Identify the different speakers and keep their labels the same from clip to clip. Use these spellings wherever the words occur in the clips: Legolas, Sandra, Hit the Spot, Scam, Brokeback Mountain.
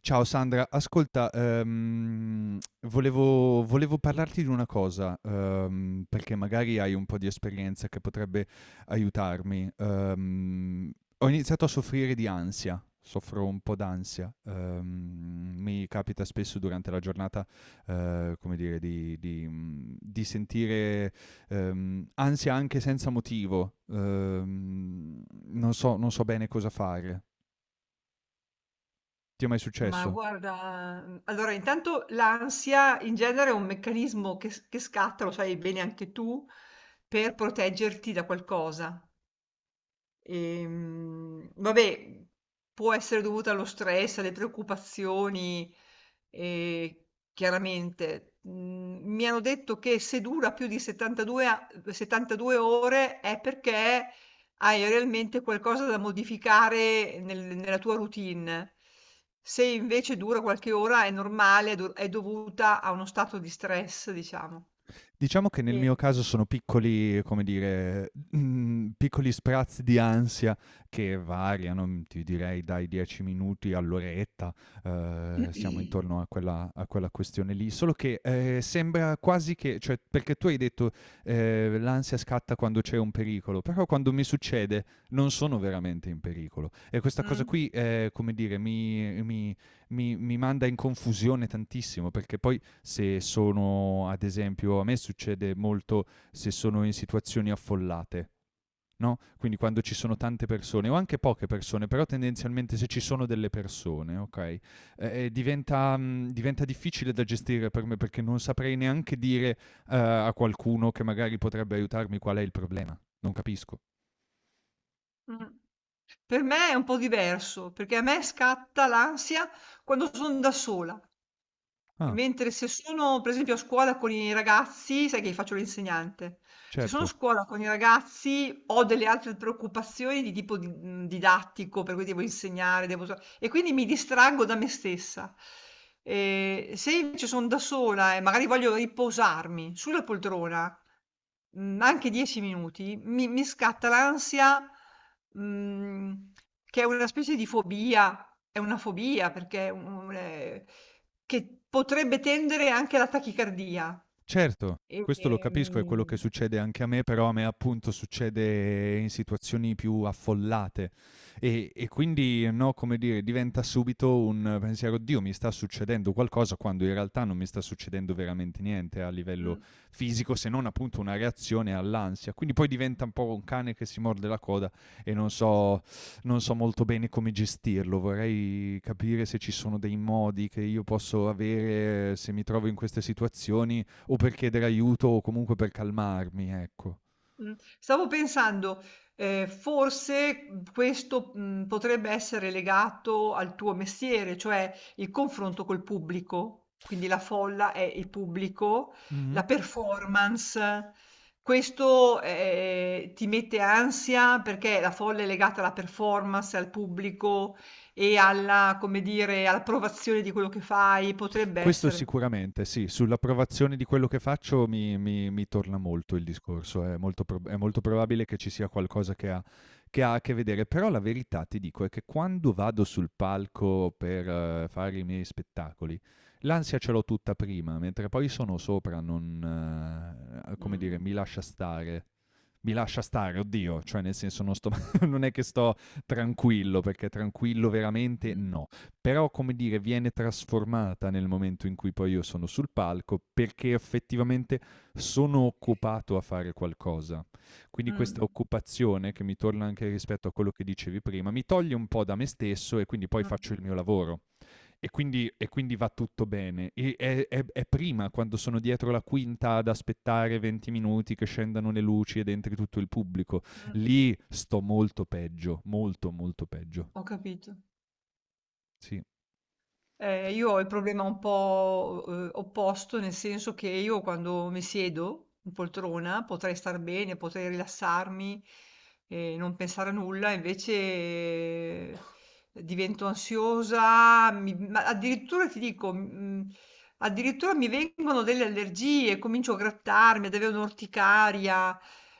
Speaker 1: Ciao Sandra, ascolta, volevo parlarti di una cosa, perché magari hai un po' di esperienza che potrebbe aiutarmi. Ho iniziato a soffrire di ansia, soffro un po' d'ansia. Mi capita spesso durante la giornata, come dire, di sentire ansia anche senza motivo. Non so bene cosa fare. Ti è mai
Speaker 2: Ma
Speaker 1: successo?
Speaker 2: guarda, allora intanto l'ansia in genere è un meccanismo che scatta, lo sai bene anche tu, per proteggerti da qualcosa. Vabbè, può essere dovuta allo stress, alle preoccupazioni, eh, chiaramente. Mi hanno detto che se dura più di 72 ore è perché hai realmente qualcosa da modificare nella tua routine. Se invece dura qualche ora è normale, è dovuta a uno stato di stress, diciamo.
Speaker 1: Diciamo che nel
Speaker 2: E-
Speaker 1: mio caso sono piccoli, come dire, piccoli sprazzi di ansia che variano, ti direi dai 10 minuti all'oretta, siamo intorno a quella questione lì, solo che sembra quasi che, cioè, perché tu hai detto l'ansia scatta quando c'è un pericolo, però quando mi succede non sono veramente in pericolo e questa cosa
Speaker 2: Mm,
Speaker 1: qui, come dire, mi manda in confusione tantissimo, perché poi se sono, ad esempio, a me succede molto se sono in situazioni affollate, no? Quindi quando ci sono tante persone o anche poche persone, però tendenzialmente se ci sono delle persone, ok? Diventa, diventa difficile da gestire per me, perché non saprei neanche dire a qualcuno che magari potrebbe aiutarmi qual è il problema. Non capisco.
Speaker 2: mm. Per me è un po' diverso, perché a me scatta l'ansia quando son da sola.
Speaker 1: Ah,
Speaker 2: Mentre se sono per esempio a scuola con i ragazzi, sai che faccio l'insegnante, se sono a
Speaker 1: certo.
Speaker 2: scuola con i ragazzi ho delle altre preoccupazioni di tipo didattico, per cui devo insegnare, e quindi mi distraggo da me stessa. E se invece sono da sola e magari voglio riposarmi sulla poltrona, anche 10 minuti, mi scatta l'ansia, mh, che è una specie di fobia, è una fobia perché è un che potrebbe tendere anche alla tachicardia.
Speaker 1: Certo,
Speaker 2: E,
Speaker 1: questo lo capisco, è quello che
Speaker 2: Ehm
Speaker 1: succede anche a me, però a me appunto succede in situazioni più affollate e quindi, no, come dire, diventa subito un pensiero: "Oddio, mi sta succedendo qualcosa", quando in realtà non mi sta succedendo veramente niente a
Speaker 2: mh.
Speaker 1: livello fisico, se non appunto una reazione all'ansia. Quindi poi diventa un po' un cane che si morde la coda e non so molto bene come gestirlo. Vorrei capire se ci sono dei modi che io posso avere se mi trovo in queste situazioni, o per chiedere aiuto o comunque per calmarmi, ecco.
Speaker 2: Mh. Stavo pensando, forse, questo, potrebbe essere legato al tuo mestiere, cioè il confronto col pubblico, quindi la folla è il pubblico,
Speaker 1: Mhm.
Speaker 2: la performance. Questo, ti mette ansia perché la folla è legata alla performance, al pubblico e alla come dire, all'approvazione di quello che fai, potrebbe
Speaker 1: Questo
Speaker 2: essere.
Speaker 1: sicuramente, sì, sull'approvazione di quello che faccio mi torna molto il discorso, è molto, è molto probabile che ci sia qualcosa che ha a che vedere, però la verità ti dico è che quando vado sul palco per fare i miei spettacoli, l'ansia ce l'ho tutta prima, mentre poi sono sopra, non, come
Speaker 2: Mh.
Speaker 1: dire, mi lascia stare. Mi lascia stare, oddio, cioè nel senso non, sto, non è che sto tranquillo, perché tranquillo veramente
Speaker 2: Mh.
Speaker 1: no, però come dire viene trasformata nel momento in cui poi io sono sul palco, perché effettivamente sono occupato a fare qualcosa. Quindi
Speaker 2: Mh.
Speaker 1: questa
Speaker 2: Mh.
Speaker 1: occupazione, che mi torna anche rispetto a quello che dicevi prima, mi toglie un po' da me stesso e quindi poi
Speaker 2: Mh.
Speaker 1: faccio il mio lavoro. E quindi va tutto bene. E è, è prima, quando sono dietro la quinta ad aspettare 20 minuti che scendano le luci ed entri tutto il pubblico.
Speaker 2: Mh.
Speaker 1: Lì sto molto peggio, molto, molto peggio.
Speaker 2: Ho capito.
Speaker 1: Sì,
Speaker 2: Io ho il problema un po', opposto, nel senso che io quando mi siedo in poltrona potrei star bene, potrei rilassarmi e non pensare a nulla, invece divento ansiosa, ma addirittura ti dico, addirittura mi vengono delle allergie, comincio a grattarmi, ad avere un'orticaria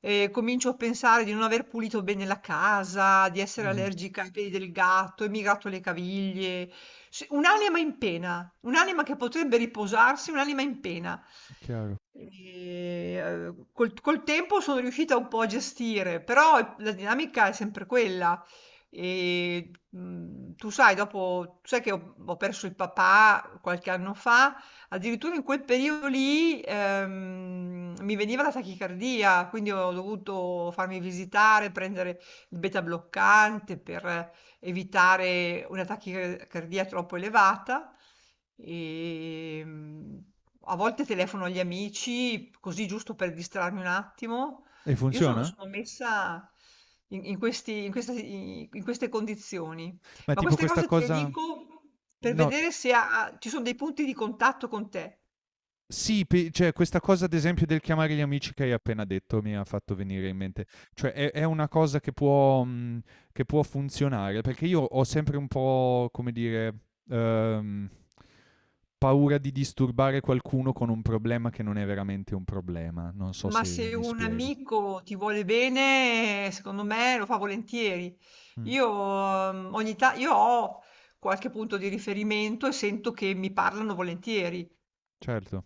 Speaker 2: e comincio a pensare di non aver pulito bene la casa, di essere
Speaker 1: mhm,
Speaker 2: allergica ai peli del gatto, e mi gratto le caviglie. Sì, un'anima in pena, un'anima che potrebbe riposarsi, un'anima in pena.
Speaker 1: è chiaro.
Speaker 2: Col col tempo sono riuscita un po' a gestire, però la dinamica è sempre quella. E, Tu sai, dopo, tu sai che ho perso il papà qualche anno fa. Addirittura in quel periodo lì, mi veniva la tachicardia, quindi ho dovuto farmi visitare, prendere il beta bloccante per evitare una tachicardia troppo elevata. E, mm, A volte telefono agli amici, così giusto per distrarmi un attimo.
Speaker 1: E
Speaker 2: Io
Speaker 1: funziona?
Speaker 2: sono messa in queste condizioni.
Speaker 1: Ma
Speaker 2: Ma
Speaker 1: tipo
Speaker 2: queste
Speaker 1: questa
Speaker 2: cose te le
Speaker 1: cosa...
Speaker 2: dico per
Speaker 1: No,
Speaker 2: vedere se ci sono dei punti di contatto con te,
Speaker 1: sì, cioè questa cosa ad esempio del chiamare gli amici che hai appena detto mi ha fatto venire in mente. Cioè è una cosa che può funzionare, perché io ho sempre un po', come dire... ehm, paura di disturbare qualcuno con un problema che non è veramente un problema. Non so
Speaker 2: ma
Speaker 1: se
Speaker 2: se
Speaker 1: mi
Speaker 2: un
Speaker 1: spiego.
Speaker 2: amico ti vuole bene, secondo me lo fa volentieri.
Speaker 1: Mm,
Speaker 2: Io, io ho qualche punto di riferimento e sento che mi parlano volentieri.
Speaker 1: certo.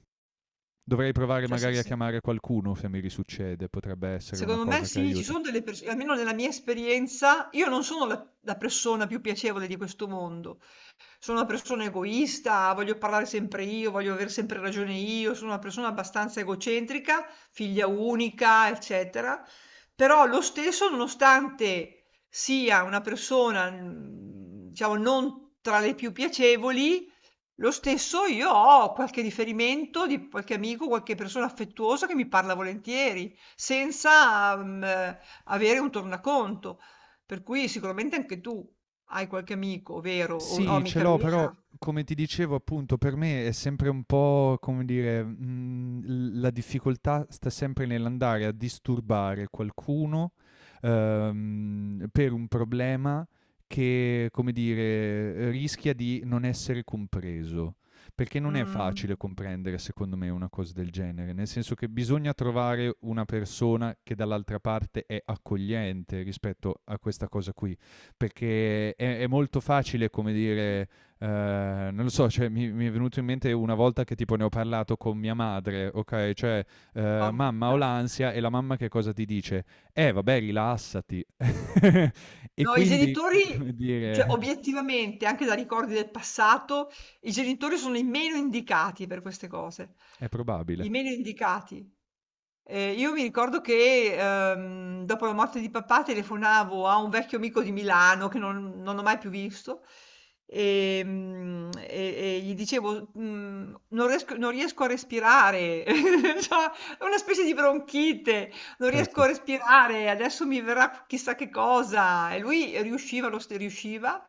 Speaker 1: Dovrei provare
Speaker 2: Cioè, se-
Speaker 1: magari a
Speaker 2: se-
Speaker 1: chiamare qualcuno se mi risuccede, potrebbe essere una
Speaker 2: Secondo me
Speaker 1: cosa che
Speaker 2: sì, ci
Speaker 1: aiuta.
Speaker 2: sono delle persone, almeno nella mia esperienza, io non sono la persona più piacevole di questo mondo. Sono una persona egoista, voglio parlare sempre io, voglio avere sempre ragione io, sono una persona abbastanza egocentrica, figlia unica, eccetera. Però lo stesso, nonostante sia una persona, diciamo, non tra le più piacevoli, lo stesso io ho qualche riferimento di qualche amico, qualche persona affettuosa che mi parla volentieri, senza avere un tornaconto. Per cui sicuramente anche tu hai qualche amico vero o
Speaker 1: Sì, ce
Speaker 2: amica
Speaker 1: l'ho, però
Speaker 2: vera.
Speaker 1: come ti dicevo appunto per me è sempre un po', come dire, l la difficoltà sta sempre nell'andare a disturbare qualcuno, per un problema che, come dire, rischia di non essere compreso. Perché non è
Speaker 2: Mh,
Speaker 1: facile comprendere secondo me una cosa del genere, nel senso che bisogna trovare una persona che dall'altra parte è accogliente rispetto a questa cosa qui, perché è molto facile, come dire, non lo so, cioè, mi è venuto in mente una volta che tipo ne ho parlato con mia madre, ok? Cioè,
Speaker 2: ov
Speaker 1: mamma ho l'ansia e la mamma che cosa ti dice? Vabbè, rilassati. E
Speaker 2: No, i
Speaker 1: quindi,
Speaker 2: genitori,
Speaker 1: come
Speaker 2: cioè
Speaker 1: dire,
Speaker 2: obiettivamente, anche da ricordi del passato, i genitori sono i meno indicati per queste cose.
Speaker 1: è probabile,
Speaker 2: I meno indicati. Io mi ricordo che, dopo la morte di papà telefonavo a un vecchio amico di Milano che non ho mai più visto, ehm, e e gli dicevo, mhmm: Non riesco a respirare". C'ho una specie di bronchite. Non riesco a
Speaker 1: certo.
Speaker 2: respirare, adesso mi verrà chissà che cosa. E lui riusciva, riusciva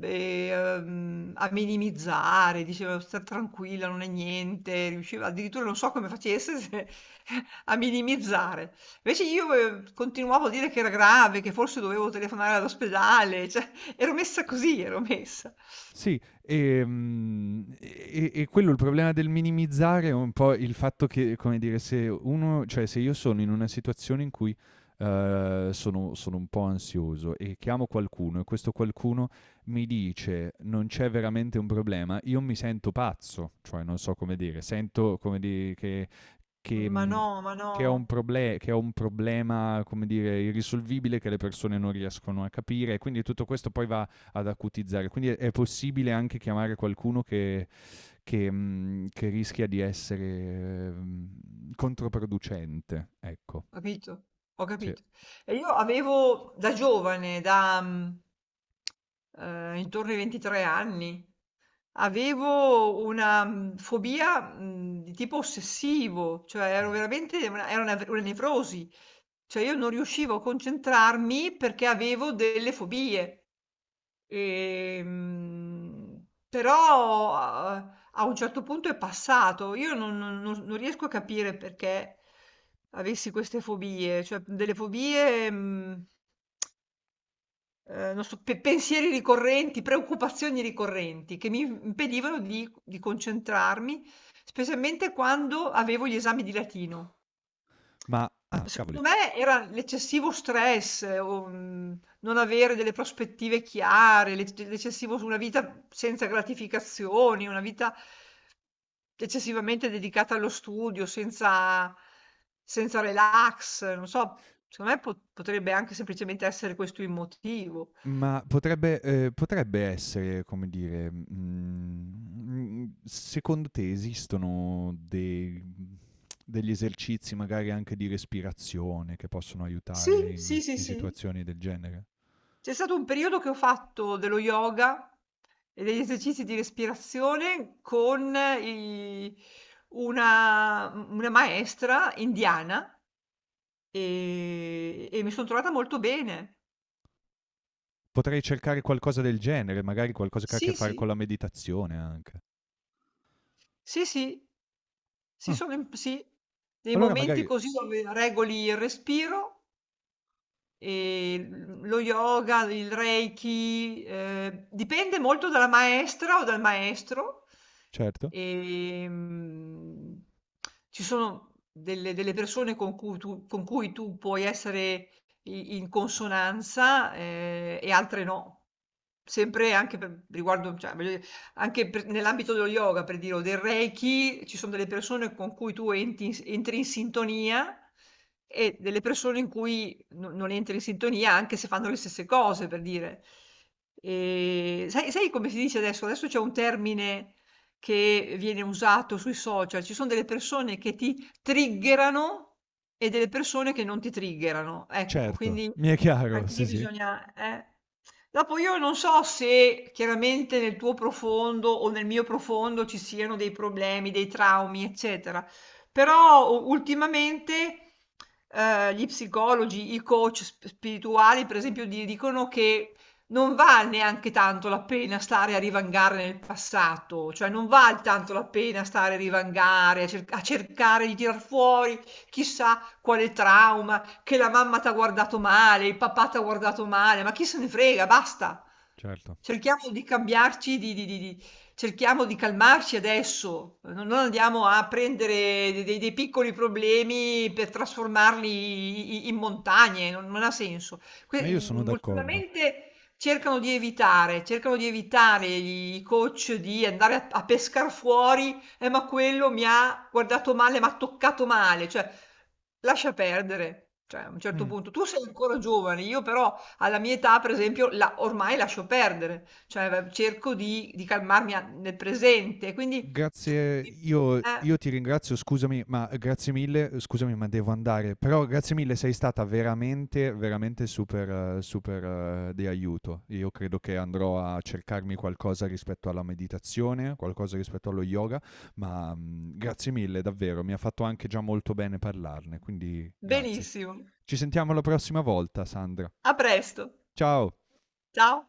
Speaker 2: a minimizzare, diceva sta tranquilla, non è niente, riusciva addirittura non so come facesse a minimizzare. Invece io continuavo a dire che era grave, che forse dovevo telefonare all'ospedale, cioè ero messa così, ero messa.
Speaker 1: Sì, e quello il problema del minimizzare è un po' il fatto che, come dire, se uno cioè se io sono in una situazione in cui, sono un po' ansioso e chiamo qualcuno e questo qualcuno mi dice: "Non c'è veramente un problema", io mi sento pazzo, cioè non so come dire, sento come di che che
Speaker 2: Ma
Speaker 1: mhmm,
Speaker 2: no, ma no.
Speaker 1: che ho un proble che ho un problema, come dire, irrisolvibile che le persone non riescono a capire, e quindi tutto questo poi va ad acutizzare. Quindi è possibile anche chiamare qualcuno che rischia di essere controproducente. Ecco,
Speaker 2: Capito? Ho
Speaker 1: sì.
Speaker 2: capito. E io avevo da giovane, intorno ai 23 anni, avevo una fobia di tipo ossessivo, cioè ero veramente una nevrosi, cioè io non riuscivo a concentrarmi perché avevo delle fobie. Però a un certo punto è passato. Io non riesco a capire perché avessi queste fobie, cioè delle fobie, non so, pensieri ricorrenti, preoccupazioni ricorrenti che mi impedivano di concentrarmi, specialmente quando avevo gli esami di latino.
Speaker 1: Ma, ah, cavoli.
Speaker 2: Secondo me era l'eccessivo stress non avere delle prospettive chiare, l'eccessivo su una vita senza gratificazioni, una vita eccessivamente dedicata allo studio, senza relax, non so, secondo me po potrebbe anche semplicemente essere questo il motivo.
Speaker 1: Ma potrebbe, potrebbe essere, come dire, secondo te esistono dei, degli esercizi magari anche di respirazione che possono
Speaker 2: Sì,
Speaker 1: aiutare in,
Speaker 2: sì, sì,
Speaker 1: in
Speaker 2: sì.
Speaker 1: situazioni del genere?
Speaker 2: C'è stato un periodo che ho fatto dello yoga e degli esercizi di respirazione con i una u una maestra indiana, e mi son trovata molto bene.
Speaker 1: Potrei cercare qualcosa del genere, magari qualcosa che ha a che
Speaker 2: Sì,
Speaker 1: fare
Speaker 2: sì.
Speaker 1: con la meditazione anche.
Speaker 2: Sì, sì. Sì,
Speaker 1: Ah,
Speaker 2: sono im Sì. Dei
Speaker 1: allora
Speaker 2: momenti
Speaker 1: magari
Speaker 2: così dove regoli il respiro. E lo yoga, il reiki, dipende molto dalla maestra o dal maestro.
Speaker 1: certo,
Speaker 2: E, mm, Ci sono delle persone con cui tu puoi essere in consonanza, e altre no. Sempre anche per, riguardo, cioè, voglio dire, nell'ambito dello yoga, per dire, o del Reiki, ci sono delle persone con cui tu entri in sintonia e delle persone in cui non entri in sintonia anche se fanno le stesse cose, per dire. E sai, sai come si dice adesso? Adesso c'è un termine che viene usato sui social. Ci sono delle persone che ti triggerano e delle persone che non ti triggerano. Ecco,
Speaker 1: certo,
Speaker 2: quindi
Speaker 1: mi è chiaro,
Speaker 2: anche lì
Speaker 1: sì, sì,
Speaker 2: bisogna.... Dopo io non so se chiaramente nel tuo profondo o nel mio profondo ci siano dei problemi, dei traumi, eccetera. Però u ultimamente, gli psicologi, i coach sp spirituali per esempio di dicono che non val neanche tanto la pena stare a divangare nel passato, cioè non val tanto la pena stare a divangare, a cercare di tirar fuori chissà quale trauma, che la mamma t'ha guardato male, il papà t'ha guardato male, ma chi se ne frega, basta.
Speaker 1: certo.
Speaker 2: Cerchiamo di cambiarci di cerchiamo di calmarci adesso, no, non andiamo a prendere de dei piccoli problemi per trasformarli i i in montagne, non ha senso. Que
Speaker 1: Ma io
Speaker 2: il
Speaker 1: sono d'accordo.
Speaker 2: Ultimamente cercano di evitare, cercano di evitare i coach di andare a pescar fuori: ma quello mi ha guardato male, m'ha toccato male", cioè lascia perdere, cioè a un certo
Speaker 1: Mm.
Speaker 2: punto. Tu sei ancora giovane, io però alla mia età, per esempio, la ormai lascio perdere, cioè v cerco di calmarmi a nel presente, quindi
Speaker 1: Grazie,
Speaker 2: eh,
Speaker 1: io ti ringrazio, scusami, ma grazie mille, scusami, ma devo andare. Però grazie mille, sei stata veramente, veramente super super di aiuto. Io credo che andrò a cercarmi qualcosa rispetto alla meditazione, qualcosa rispetto allo yoga, ma, grazie mille davvero, mi ha fatto anche già molto bene parlarne, quindi grazie.
Speaker 2: benissimo.
Speaker 1: Ci sentiamo la prossima volta, Sandra.
Speaker 2: A presto.
Speaker 1: Ciao.
Speaker 2: Ciao.